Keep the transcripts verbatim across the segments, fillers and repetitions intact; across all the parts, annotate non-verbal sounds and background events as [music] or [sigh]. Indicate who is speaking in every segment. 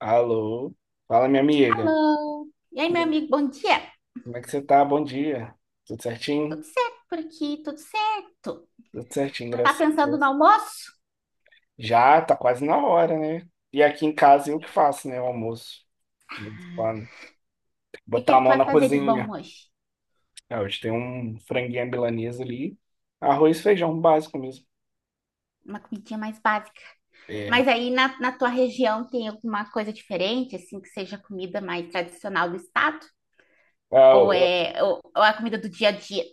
Speaker 1: Alô, fala minha amiga.
Speaker 2: Hello. E aí,
Speaker 1: Como
Speaker 2: meu
Speaker 1: é
Speaker 2: amigo, bom dia.
Speaker 1: como é que você tá? Bom dia. Tudo certinho?
Speaker 2: Tudo certo por aqui, tudo certo.
Speaker 1: Tudo certinho,
Speaker 2: Já tá
Speaker 1: graças a
Speaker 2: pensando no
Speaker 1: Deus.
Speaker 2: almoço?
Speaker 1: Já tá quase na hora, né? E aqui em casa eu que faço, né? O almoço. De vez em quando.
Speaker 2: E o que é
Speaker 1: Botar a
Speaker 2: que tu
Speaker 1: mão
Speaker 2: vai
Speaker 1: na
Speaker 2: fazer de bom
Speaker 1: cozinha.
Speaker 2: hoje?
Speaker 1: É, hoje tem um franguinho à milanesa ali. Arroz e feijão básico mesmo.
Speaker 2: Uma comidinha mais básica.
Speaker 1: É.
Speaker 2: Mas aí na, na tua região tem alguma coisa diferente, assim, que seja comida mais tradicional do estado?
Speaker 1: Ah,
Speaker 2: Ou
Speaker 1: eu,
Speaker 2: é, ou, ou é a comida do dia a dia?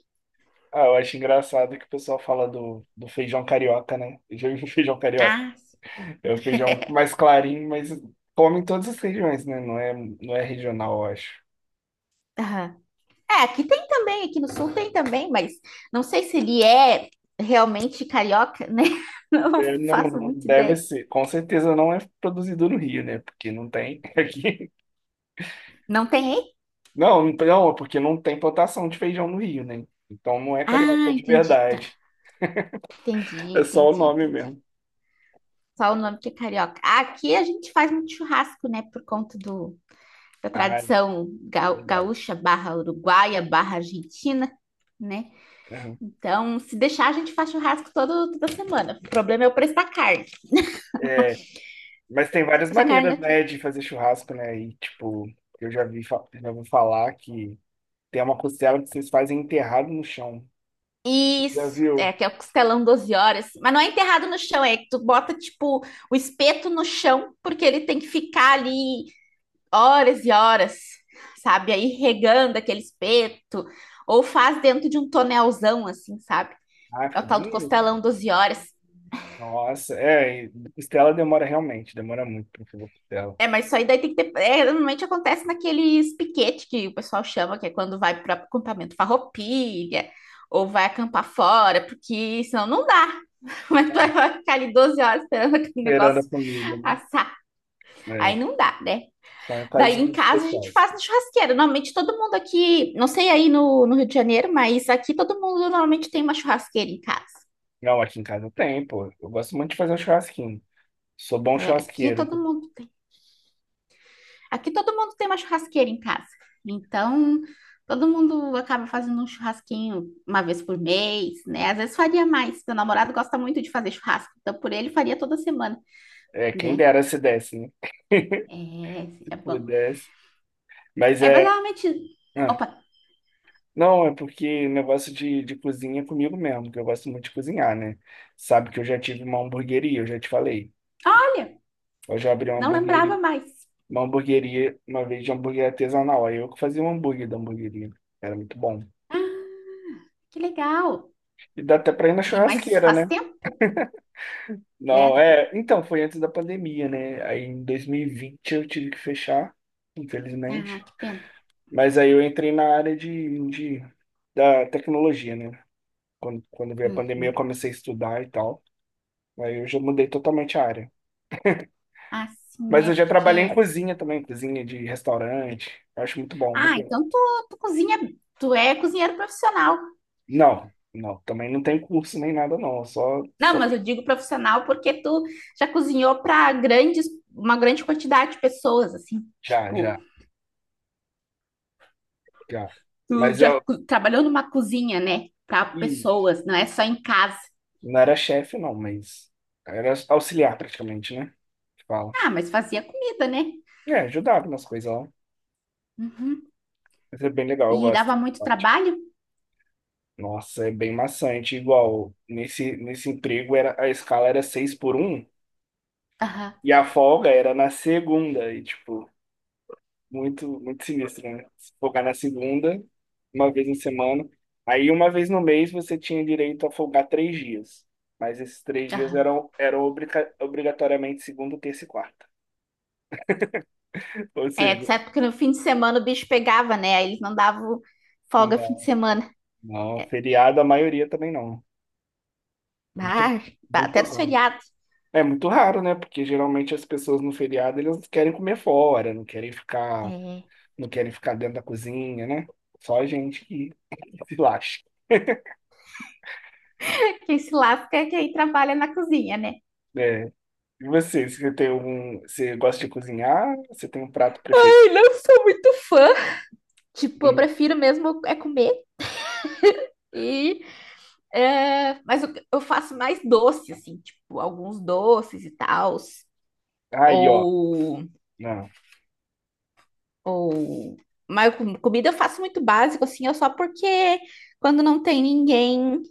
Speaker 1: ah, eu acho engraçado que o pessoal fala do, do feijão carioca, né? Eu já vi [laughs] feijão carioca.
Speaker 2: Ah, sim.
Speaker 1: É o feijão mais clarinho, mas come em todas as regiões, né? Não é, não é regional, eu acho.
Speaker 2: Aham. É, aqui tem também, aqui no sul tem também, mas não sei se ele é realmente carioca, né? [laughs] Não
Speaker 1: É, não,
Speaker 2: faço
Speaker 1: não
Speaker 2: muita
Speaker 1: deve
Speaker 2: ideia.
Speaker 1: ser, com certeza não é produzido no Rio, né? Porque não tem [laughs] aqui.
Speaker 2: Não tem aí?
Speaker 1: Não, não, não, porque não tem plantação de feijão no Rio, né? Então não é
Speaker 2: Ah,
Speaker 1: carioca de
Speaker 2: entendi, tá.
Speaker 1: verdade.
Speaker 2: Entendi,
Speaker 1: É só o
Speaker 2: entendi,
Speaker 1: nome
Speaker 2: entendi.
Speaker 1: mesmo.
Speaker 2: Só o nome que é carioca. Aqui a gente faz muito churrasco, né? Por conta do, da
Speaker 1: Ah,
Speaker 2: tradição ga-
Speaker 1: verdade.
Speaker 2: gaúcha barra uruguaia barra argentina, né?
Speaker 1: Uhum.
Speaker 2: Então, se deixar, a gente faz churrasco todo, toda semana. O problema é o preço da carne.
Speaker 1: É, mas tem várias
Speaker 2: Se a carne
Speaker 1: maneiras,
Speaker 2: não tiver-
Speaker 1: né, de fazer churrasco, né? E tipo, eu já vi, fa- já vou falar que tem uma costela que vocês fazem enterrado no chão. Já
Speaker 2: Isso,
Speaker 1: viu?
Speaker 2: é que é o costelão doze horas. Mas não é enterrado no chão, é que tu bota, tipo, o espeto no chão, porque ele tem que ficar ali horas e horas, sabe? Aí regando aquele espeto, ou faz dentro de um tonelzão, assim, sabe?
Speaker 1: Ah,
Speaker 2: É
Speaker 1: fica
Speaker 2: o tal do
Speaker 1: bonito.
Speaker 2: costelão doze horas.
Speaker 1: Nossa, é, e costela demora realmente, demora muito pra fazer costela.
Speaker 2: É, mas isso aí daí tem que ter, é, normalmente acontece naqueles piquete que o pessoal chama, que é quando vai para acampamento farroupilha, ou vai acampar fora, porque senão não dá. [laughs] Como é que tu vai ficar ali doze horas esperando aquele negócio
Speaker 1: Beirando a comida, né?
Speaker 2: assar? Aí
Speaker 1: É.
Speaker 2: não dá, né?
Speaker 1: Só em
Speaker 2: Daí em
Speaker 1: ocasiões
Speaker 2: casa a gente
Speaker 1: especiais.
Speaker 2: faz na churrasqueira. Normalmente todo mundo aqui, não sei aí no, no Rio de Janeiro, mas aqui todo mundo normalmente tem uma churrasqueira em casa.
Speaker 1: Não, aqui em casa tem, pô. Eu gosto muito de fazer um churrasquinho. Sou bom
Speaker 2: É, aqui
Speaker 1: churrasqueiro.
Speaker 2: todo mundo, aqui todo mundo tem uma churrasqueira em casa. Então, todo mundo acaba fazendo um churrasquinho uma vez por mês, né? Às vezes faria mais. Meu namorado gosta muito de fazer churrasco, então por ele faria toda semana,
Speaker 1: É, quem
Speaker 2: né?
Speaker 1: dera se desse, né? [laughs]
Speaker 2: É,
Speaker 1: Se
Speaker 2: é bom.
Speaker 1: pudesse. Mas
Speaker 2: É, mas
Speaker 1: é.
Speaker 2: normalmente,
Speaker 1: ah,
Speaker 2: opa,
Speaker 1: Não, é porque negócio de, de cozinha é comigo mesmo, que eu gosto muito de cozinhar, né? Sabe que eu já tive uma hamburgueria, eu já te falei.
Speaker 2: olha,
Speaker 1: Eu já abri uma
Speaker 2: não
Speaker 1: hamburgueria,
Speaker 2: lembrava mais.
Speaker 1: uma hamburgueria, uma vez de hambúrguer artesanal. Aí eu que fazia o hambúrguer da hamburgueria. Era muito bom.
Speaker 2: Que legal.
Speaker 1: E dá até pra ir na
Speaker 2: E, mas isso
Speaker 1: churrasqueira,
Speaker 2: faz
Speaker 1: né?
Speaker 2: tempo, né?
Speaker 1: Não, é. Então, foi antes da pandemia, né? Aí em dois mil e vinte eu tive que fechar,
Speaker 2: Ah,
Speaker 1: infelizmente.
Speaker 2: que pena.
Speaker 1: Mas aí eu entrei na área de, de da tecnologia, né? Quando, quando veio a
Speaker 2: Hum.
Speaker 1: pandemia, eu comecei a estudar e tal. Aí eu já mudei totalmente a área.
Speaker 2: Ah, sim,
Speaker 1: Mas
Speaker 2: né?
Speaker 1: eu já trabalhei em
Speaker 2: Porque.
Speaker 1: cozinha também, cozinha de restaurante. Eu acho muito bom, muito
Speaker 2: Ah,
Speaker 1: legal.
Speaker 2: então tu, tu cozinha. Tu é cozinheiro profissional.
Speaker 1: Não, não, também não tem curso nem nada, não. Eu Só,
Speaker 2: Não,
Speaker 1: só
Speaker 2: mas eu digo profissional porque tu já cozinhou para grandes, uma grande quantidade de pessoas, assim.
Speaker 1: já,
Speaker 2: Tipo,
Speaker 1: já, já.
Speaker 2: tu
Speaker 1: Mas
Speaker 2: já co- trabalhou numa cozinha, né? Para
Speaker 1: eu.
Speaker 2: pessoas, não é só em casa.
Speaker 1: Não era chefe, não, mas era auxiliar praticamente, né? Que fala.
Speaker 2: Ah, mas fazia comida, né?
Speaker 1: É, ajudava nas coisas lá.
Speaker 2: Uhum.
Speaker 1: Mas é bem legal, eu
Speaker 2: E
Speaker 1: gosto dessa
Speaker 2: dava muito
Speaker 1: parte.
Speaker 2: trabalho?
Speaker 1: Nossa, é bem maçante. Igual, nesse, nesse emprego era, a escala era seis por um
Speaker 2: Aham,
Speaker 1: e a folga era na segunda. E, tipo, muito, muito sinistro, né? Se folgar na segunda, uma vez na semana. Aí, uma vez no mês, você tinha direito a folgar três dias. Mas esses três dias
Speaker 2: aham.
Speaker 1: eram, eram obriga- obrigatoriamente segunda, terça e quarta. [laughs] Ou
Speaker 2: É,
Speaker 1: seja,
Speaker 2: certo, porque no fim de semana o bicho pegava, né? Aí eles não davam folga fim de
Speaker 1: não.
Speaker 2: semana.
Speaker 1: Não, feriado a maioria também não. Muito,
Speaker 2: Ah,
Speaker 1: muito
Speaker 2: até nos
Speaker 1: raro.
Speaker 2: feriados.
Speaker 1: É muito raro, né? Porque geralmente as pessoas no feriado eles querem comer fora, não querem ficar,
Speaker 2: É.
Speaker 1: não querem ficar dentro da cozinha, né? Só a gente que [laughs] se lasca.
Speaker 2: Quem se lasca é quem trabalha na cozinha, né?
Speaker 1: É. E você, você tem algum, você gosta de cozinhar? Você tem um prato preferido?
Speaker 2: Eu não sou muito fã. Tipo, eu
Speaker 1: Hum.
Speaker 2: prefiro mesmo é comer. E, é, mas eu, eu faço mais doce, assim, tipo, alguns doces e tal.
Speaker 1: Aí, ó.
Speaker 2: Ou,
Speaker 1: Não,
Speaker 2: ou. Mas com- comida eu faço muito básico, assim, é só porque quando não tem ninguém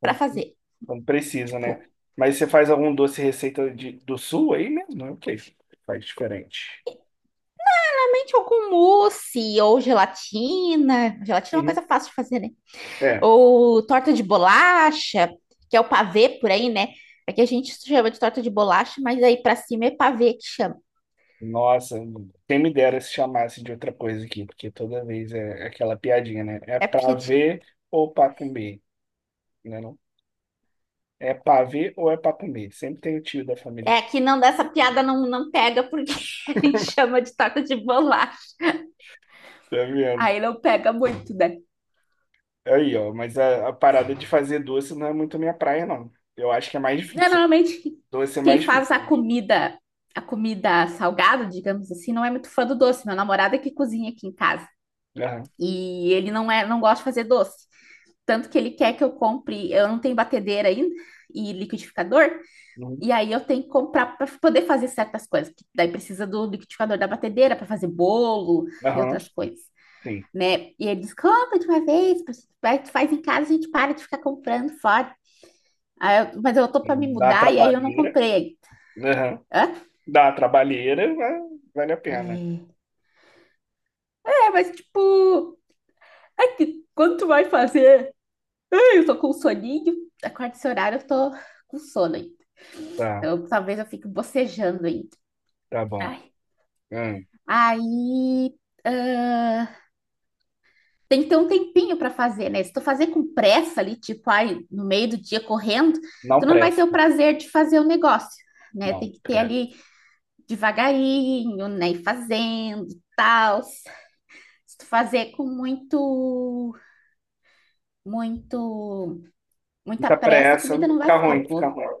Speaker 2: pra
Speaker 1: quando
Speaker 2: fazer.
Speaker 1: quando precisa, né?
Speaker 2: Tipo,
Speaker 1: Mas você faz algum doce receita de, do sul aí mesmo? É o que faz diferente.
Speaker 2: realmente algum mousse ou gelatina. Gelatina é uma
Speaker 1: Uhum.
Speaker 2: coisa fácil de fazer, né?
Speaker 1: É.
Speaker 2: Ou torta de bolacha, que é o pavê por aí, né? Aqui a gente chama de torta de bolacha, mas aí pra cima é pavê que chama.
Speaker 1: Nossa, quem me dera se chamasse de outra coisa aqui, porque toda vez é aquela piadinha, né? É
Speaker 2: É,
Speaker 1: pra
Speaker 2: porque-
Speaker 1: ver ou pra comer, né? Não? É pra ver ou é pra comer. Sempre tem o tio da família
Speaker 2: é
Speaker 1: que
Speaker 2: que não dessa piada não, não pega porque [laughs] a gente chama de torta de bolacha.
Speaker 1: tá vendo.
Speaker 2: Aí não pega muito, né?
Speaker 1: Aí, ó, mas a, a parada de fazer doce não é muito minha praia, não. Eu acho que é mais
Speaker 2: É,
Speaker 1: difícil.
Speaker 2: normalmente
Speaker 1: Doce é
Speaker 2: quem
Speaker 1: mais difícil,
Speaker 2: faz a
Speaker 1: eu acho.
Speaker 2: comida, a comida salgada, digamos assim, não é muito fã do doce. Meu namorado é que cozinha aqui em casa
Speaker 1: Aham,
Speaker 2: e ele não é, não gosta de fazer doce. Tanto que ele quer que eu compre, eu não tenho batedeira ainda e liquidificador.
Speaker 1: uhum.
Speaker 2: E aí eu tenho que comprar para poder fazer certas coisas, que daí precisa do liquidificador da batedeira para fazer bolo e
Speaker 1: Aham,
Speaker 2: outras coisas,
Speaker 1: sim.
Speaker 2: né? E ele diz, compra de uma vez, vai, tu faz em casa, a gente para de ficar comprando fora. Aí eu- mas eu tô para me
Speaker 1: Dá uma
Speaker 2: mudar e aí eu não
Speaker 1: trabalheira.
Speaker 2: comprei.
Speaker 1: Aham.
Speaker 2: Hã?
Speaker 1: Dá uma trabalheira, mas vale a pena.
Speaker 2: É, mas tipo, é que quando tu vai fazer, ai, eu tô com soninho, acorda esse horário, eu tô com sono ainda.
Speaker 1: Tá,
Speaker 2: Então talvez eu fique bocejando ainda.
Speaker 1: tá bom.
Speaker 2: Ai.
Speaker 1: Hum.
Speaker 2: Aí, tem que ter um tempinho para fazer, né? Se tu fazer com pressa ali, tipo, ai, no meio do dia correndo,
Speaker 1: Não
Speaker 2: tu não vai ter o
Speaker 1: presta.
Speaker 2: prazer de fazer o negócio, né?
Speaker 1: Não
Speaker 2: Tem que ter ali
Speaker 1: presta.
Speaker 2: devagarinho, né? E fazendo, tal. Se tu fazer com muito, muito, muita
Speaker 1: Muita
Speaker 2: pressa, a
Speaker 1: pressa,
Speaker 2: comida não vai
Speaker 1: fica
Speaker 2: ficar
Speaker 1: ruim, fica
Speaker 2: boa,
Speaker 1: ruim.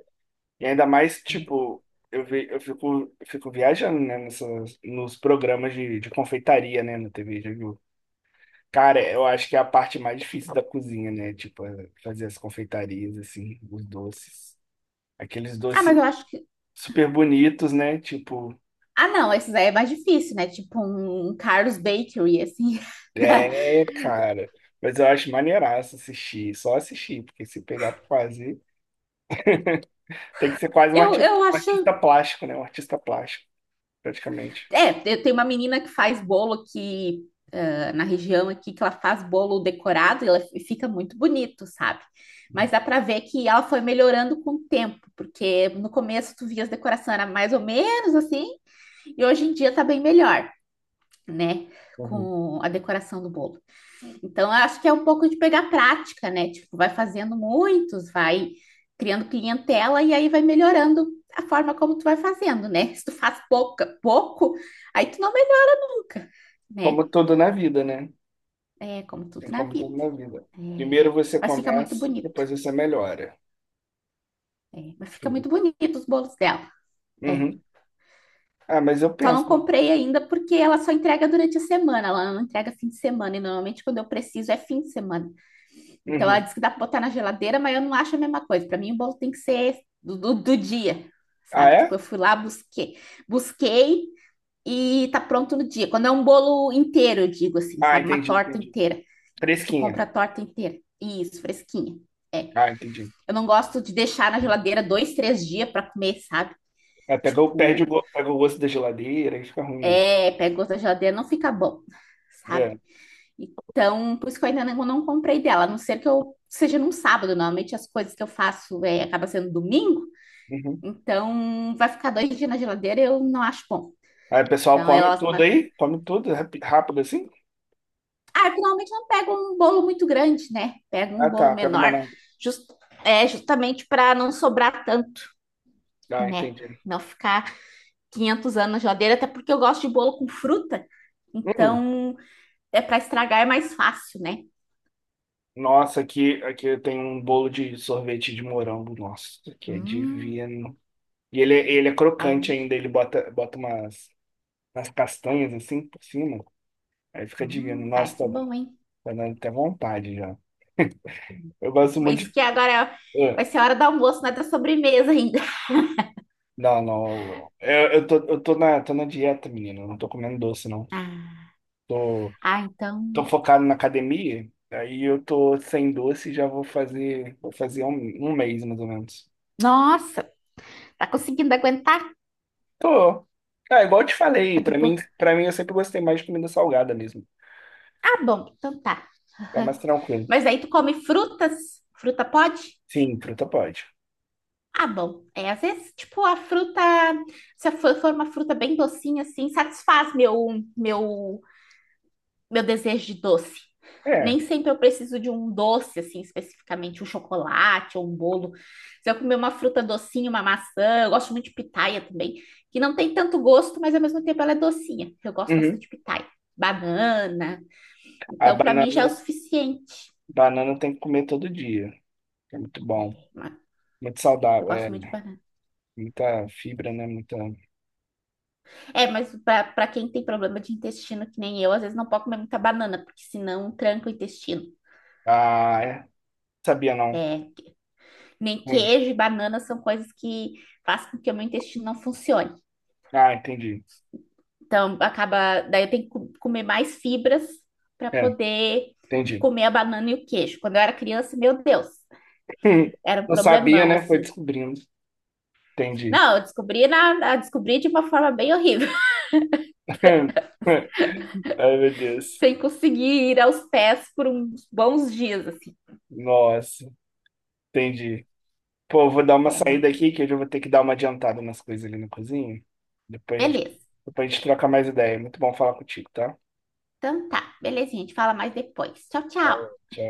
Speaker 1: E ainda mais,
Speaker 2: né?
Speaker 1: tipo, eu, vi, eu fico, eu fico viajando, né, nessas, nos programas de, de confeitaria, né, na T V, já viu? Cara, eu acho que é a parte mais difícil da cozinha, né? Tipo, é fazer as confeitarias, assim, os doces. Aqueles
Speaker 2: Ah, mas
Speaker 1: doces
Speaker 2: eu acho que.
Speaker 1: super bonitos, né? Tipo,
Speaker 2: Ah, não, esses aí é mais difícil, né? Tipo um um Carlos Bakery, assim. [laughs]
Speaker 1: é, cara. Mas eu acho maneiraço assistir, só assistir, porque se pegar pra fazer, tem que ser quase um
Speaker 2: Eu,
Speaker 1: arti-
Speaker 2: eu
Speaker 1: um
Speaker 2: acho.
Speaker 1: artista plástico, né? Um artista plástico, praticamente.
Speaker 2: É, eu tenho uma menina que faz bolo aqui, ah, na região aqui, que ela faz bolo decorado e ela e fica muito bonito, sabe? Mas dá pra ver que ela foi melhorando com o tempo, porque no começo tu via as decorações era mais ou menos assim, e hoje em dia tá bem melhor, né?
Speaker 1: Uhum.
Speaker 2: Com a decoração do bolo. Então, eu acho que é um pouco de pegar prática, né? Tipo, vai fazendo muitos, vai criando clientela e aí vai melhorando a forma como tu vai fazendo, né? Se tu faz pouca, pouco, aí tu não nunca, né?
Speaker 1: Como tudo na vida, né?
Speaker 2: É como
Speaker 1: Tem
Speaker 2: tudo na
Speaker 1: como tudo
Speaker 2: vida.
Speaker 1: na vida. Primeiro
Speaker 2: É,
Speaker 1: você
Speaker 2: mas fica muito
Speaker 1: começa,
Speaker 2: bonito.
Speaker 1: depois você melhora.
Speaker 2: É, mas fica
Speaker 1: Uhum.
Speaker 2: muito bonito os bolos dela. É.
Speaker 1: Ah, mas eu
Speaker 2: Só não
Speaker 1: penso.
Speaker 2: comprei ainda porque ela só entrega durante a semana, ela não entrega fim de semana, e normalmente quando eu preciso é fim de semana. Então ela
Speaker 1: Uhum.
Speaker 2: diz que dá para botar na geladeira, mas eu não acho a mesma coisa. Para mim, o bolo tem que ser do, do, do dia,
Speaker 1: Ah,
Speaker 2: sabe? Tipo,
Speaker 1: é?
Speaker 2: eu fui lá, busquei, busquei e tá pronto no dia. Quando é um bolo inteiro, eu digo assim,
Speaker 1: Ah,
Speaker 2: sabe? Uma
Speaker 1: entendi,
Speaker 2: torta
Speaker 1: entendi.
Speaker 2: inteira. Tu
Speaker 1: Fresquinha.
Speaker 2: compra a torta inteira. Isso, fresquinha.
Speaker 1: Ah, entendi.
Speaker 2: Eu não gosto de deixar na geladeira dois, três dias para comer, sabe?
Speaker 1: É, pega, o- perde o,
Speaker 2: Tipo,
Speaker 1: go- pega o gosto da geladeira e fica ruim mesmo.
Speaker 2: é, pega outra geladeira, não fica bom, sabe?
Speaker 1: É.
Speaker 2: Então, por isso que eu ainda não, não comprei dela, a não ser que eu seja num sábado. Normalmente as coisas que eu faço é, acaba sendo domingo,
Speaker 1: Uhum.
Speaker 2: então vai ficar dois dias na geladeira, eu não acho bom.
Speaker 1: Aí o pessoal
Speaker 2: Então,
Speaker 1: come
Speaker 2: ela.
Speaker 1: tudo
Speaker 2: Mas-
Speaker 1: aí? Come tudo rapi- rápido assim?
Speaker 2: Ah, eu finalmente não pego um bolo muito grande, né? Pego um
Speaker 1: Ah,
Speaker 2: bolo
Speaker 1: tá. Pega
Speaker 2: menor,
Speaker 1: menor.
Speaker 2: jus- é, justamente para não sobrar tanto,
Speaker 1: Ah,
Speaker 2: né?
Speaker 1: entendi.
Speaker 2: Não ficar. Quinhentos anos na geladeira, até porque eu gosto de bolo com fruta.
Speaker 1: Hum.
Speaker 2: Então, é para estragar é mais fácil, né?
Speaker 1: Nossa, aqui, aqui tem um bolo de sorvete de morango. Nossa, que é
Speaker 2: Hum,
Speaker 1: divino. E ele é, ele é
Speaker 2: aí
Speaker 1: crocante
Speaker 2: eu,
Speaker 1: ainda, ele bota, bota umas, umas castanhas assim por cima. Aí fica digando,
Speaker 2: hum,
Speaker 1: nossa,
Speaker 2: parece
Speaker 1: tô,
Speaker 2: bom, hein?
Speaker 1: tá dando até vontade já. Eu gosto muito
Speaker 2: Isso
Speaker 1: de.
Speaker 2: que agora é-
Speaker 1: Ah,
Speaker 2: vai ser a hora do almoço, não é da sobremesa ainda. [laughs]
Speaker 1: não, não. Eu, eu tô, eu tô na, tô na dieta, menino. Eu não tô comendo doce, não.
Speaker 2: Ah,
Speaker 1: Tô,
Speaker 2: ah, então.
Speaker 1: tô focado na academia. Aí eu tô sem doce e já vou fazer, vou fazer um, um mês, mais ou menos.
Speaker 2: Nossa, tá conseguindo aguentar?
Speaker 1: Tô. Ah, igual eu te
Speaker 2: Tá
Speaker 1: falei,
Speaker 2: de
Speaker 1: pra
Speaker 2: boa.
Speaker 1: mim, pra mim eu sempre gostei mais de comida salgada mesmo.
Speaker 2: Ah, bom, então tá.
Speaker 1: Tá mais tranquilo.
Speaker 2: Mas aí tu come frutas? Fruta pode?
Speaker 1: Sim, fruta pode.
Speaker 2: Ah, bom. É, às vezes, tipo, a fruta, se for for uma fruta bem docinha, assim, satisfaz meu, meu meu desejo de doce.
Speaker 1: É.
Speaker 2: Nem sempre eu preciso de um doce, assim, especificamente, um chocolate ou um bolo. Se eu comer uma fruta docinha, uma maçã, eu gosto muito de pitaia também, que não tem tanto gosto, mas ao mesmo tempo ela é docinha. Eu gosto
Speaker 1: Uhum.
Speaker 2: bastante de pitaia. Banana.
Speaker 1: A
Speaker 2: Então, para mim já é o
Speaker 1: banana,
Speaker 2: suficiente.
Speaker 1: banana tem que comer todo dia. É muito bom. Muito
Speaker 2: Eu
Speaker 1: saudável.
Speaker 2: gosto
Speaker 1: É,
Speaker 2: muito de banana.
Speaker 1: muita fibra, né? Muita.
Speaker 2: É, mas para quem tem problema de intestino, que nem eu, às vezes não pode comer muita banana, porque senão tranca o intestino.
Speaker 1: Ah, é. Sabia não.
Speaker 2: É, nem
Speaker 1: Hum.
Speaker 2: queijo e banana são coisas que fazem com que o meu intestino não funcione.
Speaker 1: Ah, entendi.
Speaker 2: Então, acaba, daí eu tenho que co- comer mais fibras para
Speaker 1: É,
Speaker 2: poder
Speaker 1: entendi. [laughs]
Speaker 2: comer a banana e o queijo. Quando eu era criança, meu Deus,
Speaker 1: Hum.
Speaker 2: era um
Speaker 1: Não sabia,
Speaker 2: problemão
Speaker 1: né? Foi
Speaker 2: assim.
Speaker 1: descobrindo. Entendi.
Speaker 2: Não, eu descobri na, na- descobri de uma forma bem horrível,
Speaker 1: [laughs] Ai, meu
Speaker 2: [laughs]
Speaker 1: Deus.
Speaker 2: sem conseguir ir aos pés por uns bons dias assim.
Speaker 1: Nossa, entendi. Pô, eu vou dar uma
Speaker 2: É, não,
Speaker 1: saída aqui, que hoje eu já vou ter que dar uma adiantada nas coisas ali na cozinha. Depois a gente,
Speaker 2: beleza.
Speaker 1: depois a gente troca mais ideia. Muito bom falar contigo, tá?
Speaker 2: Então tá, belezinha, a gente fala mais depois. Tchau,
Speaker 1: Falou,
Speaker 2: tchau.
Speaker 1: tchau.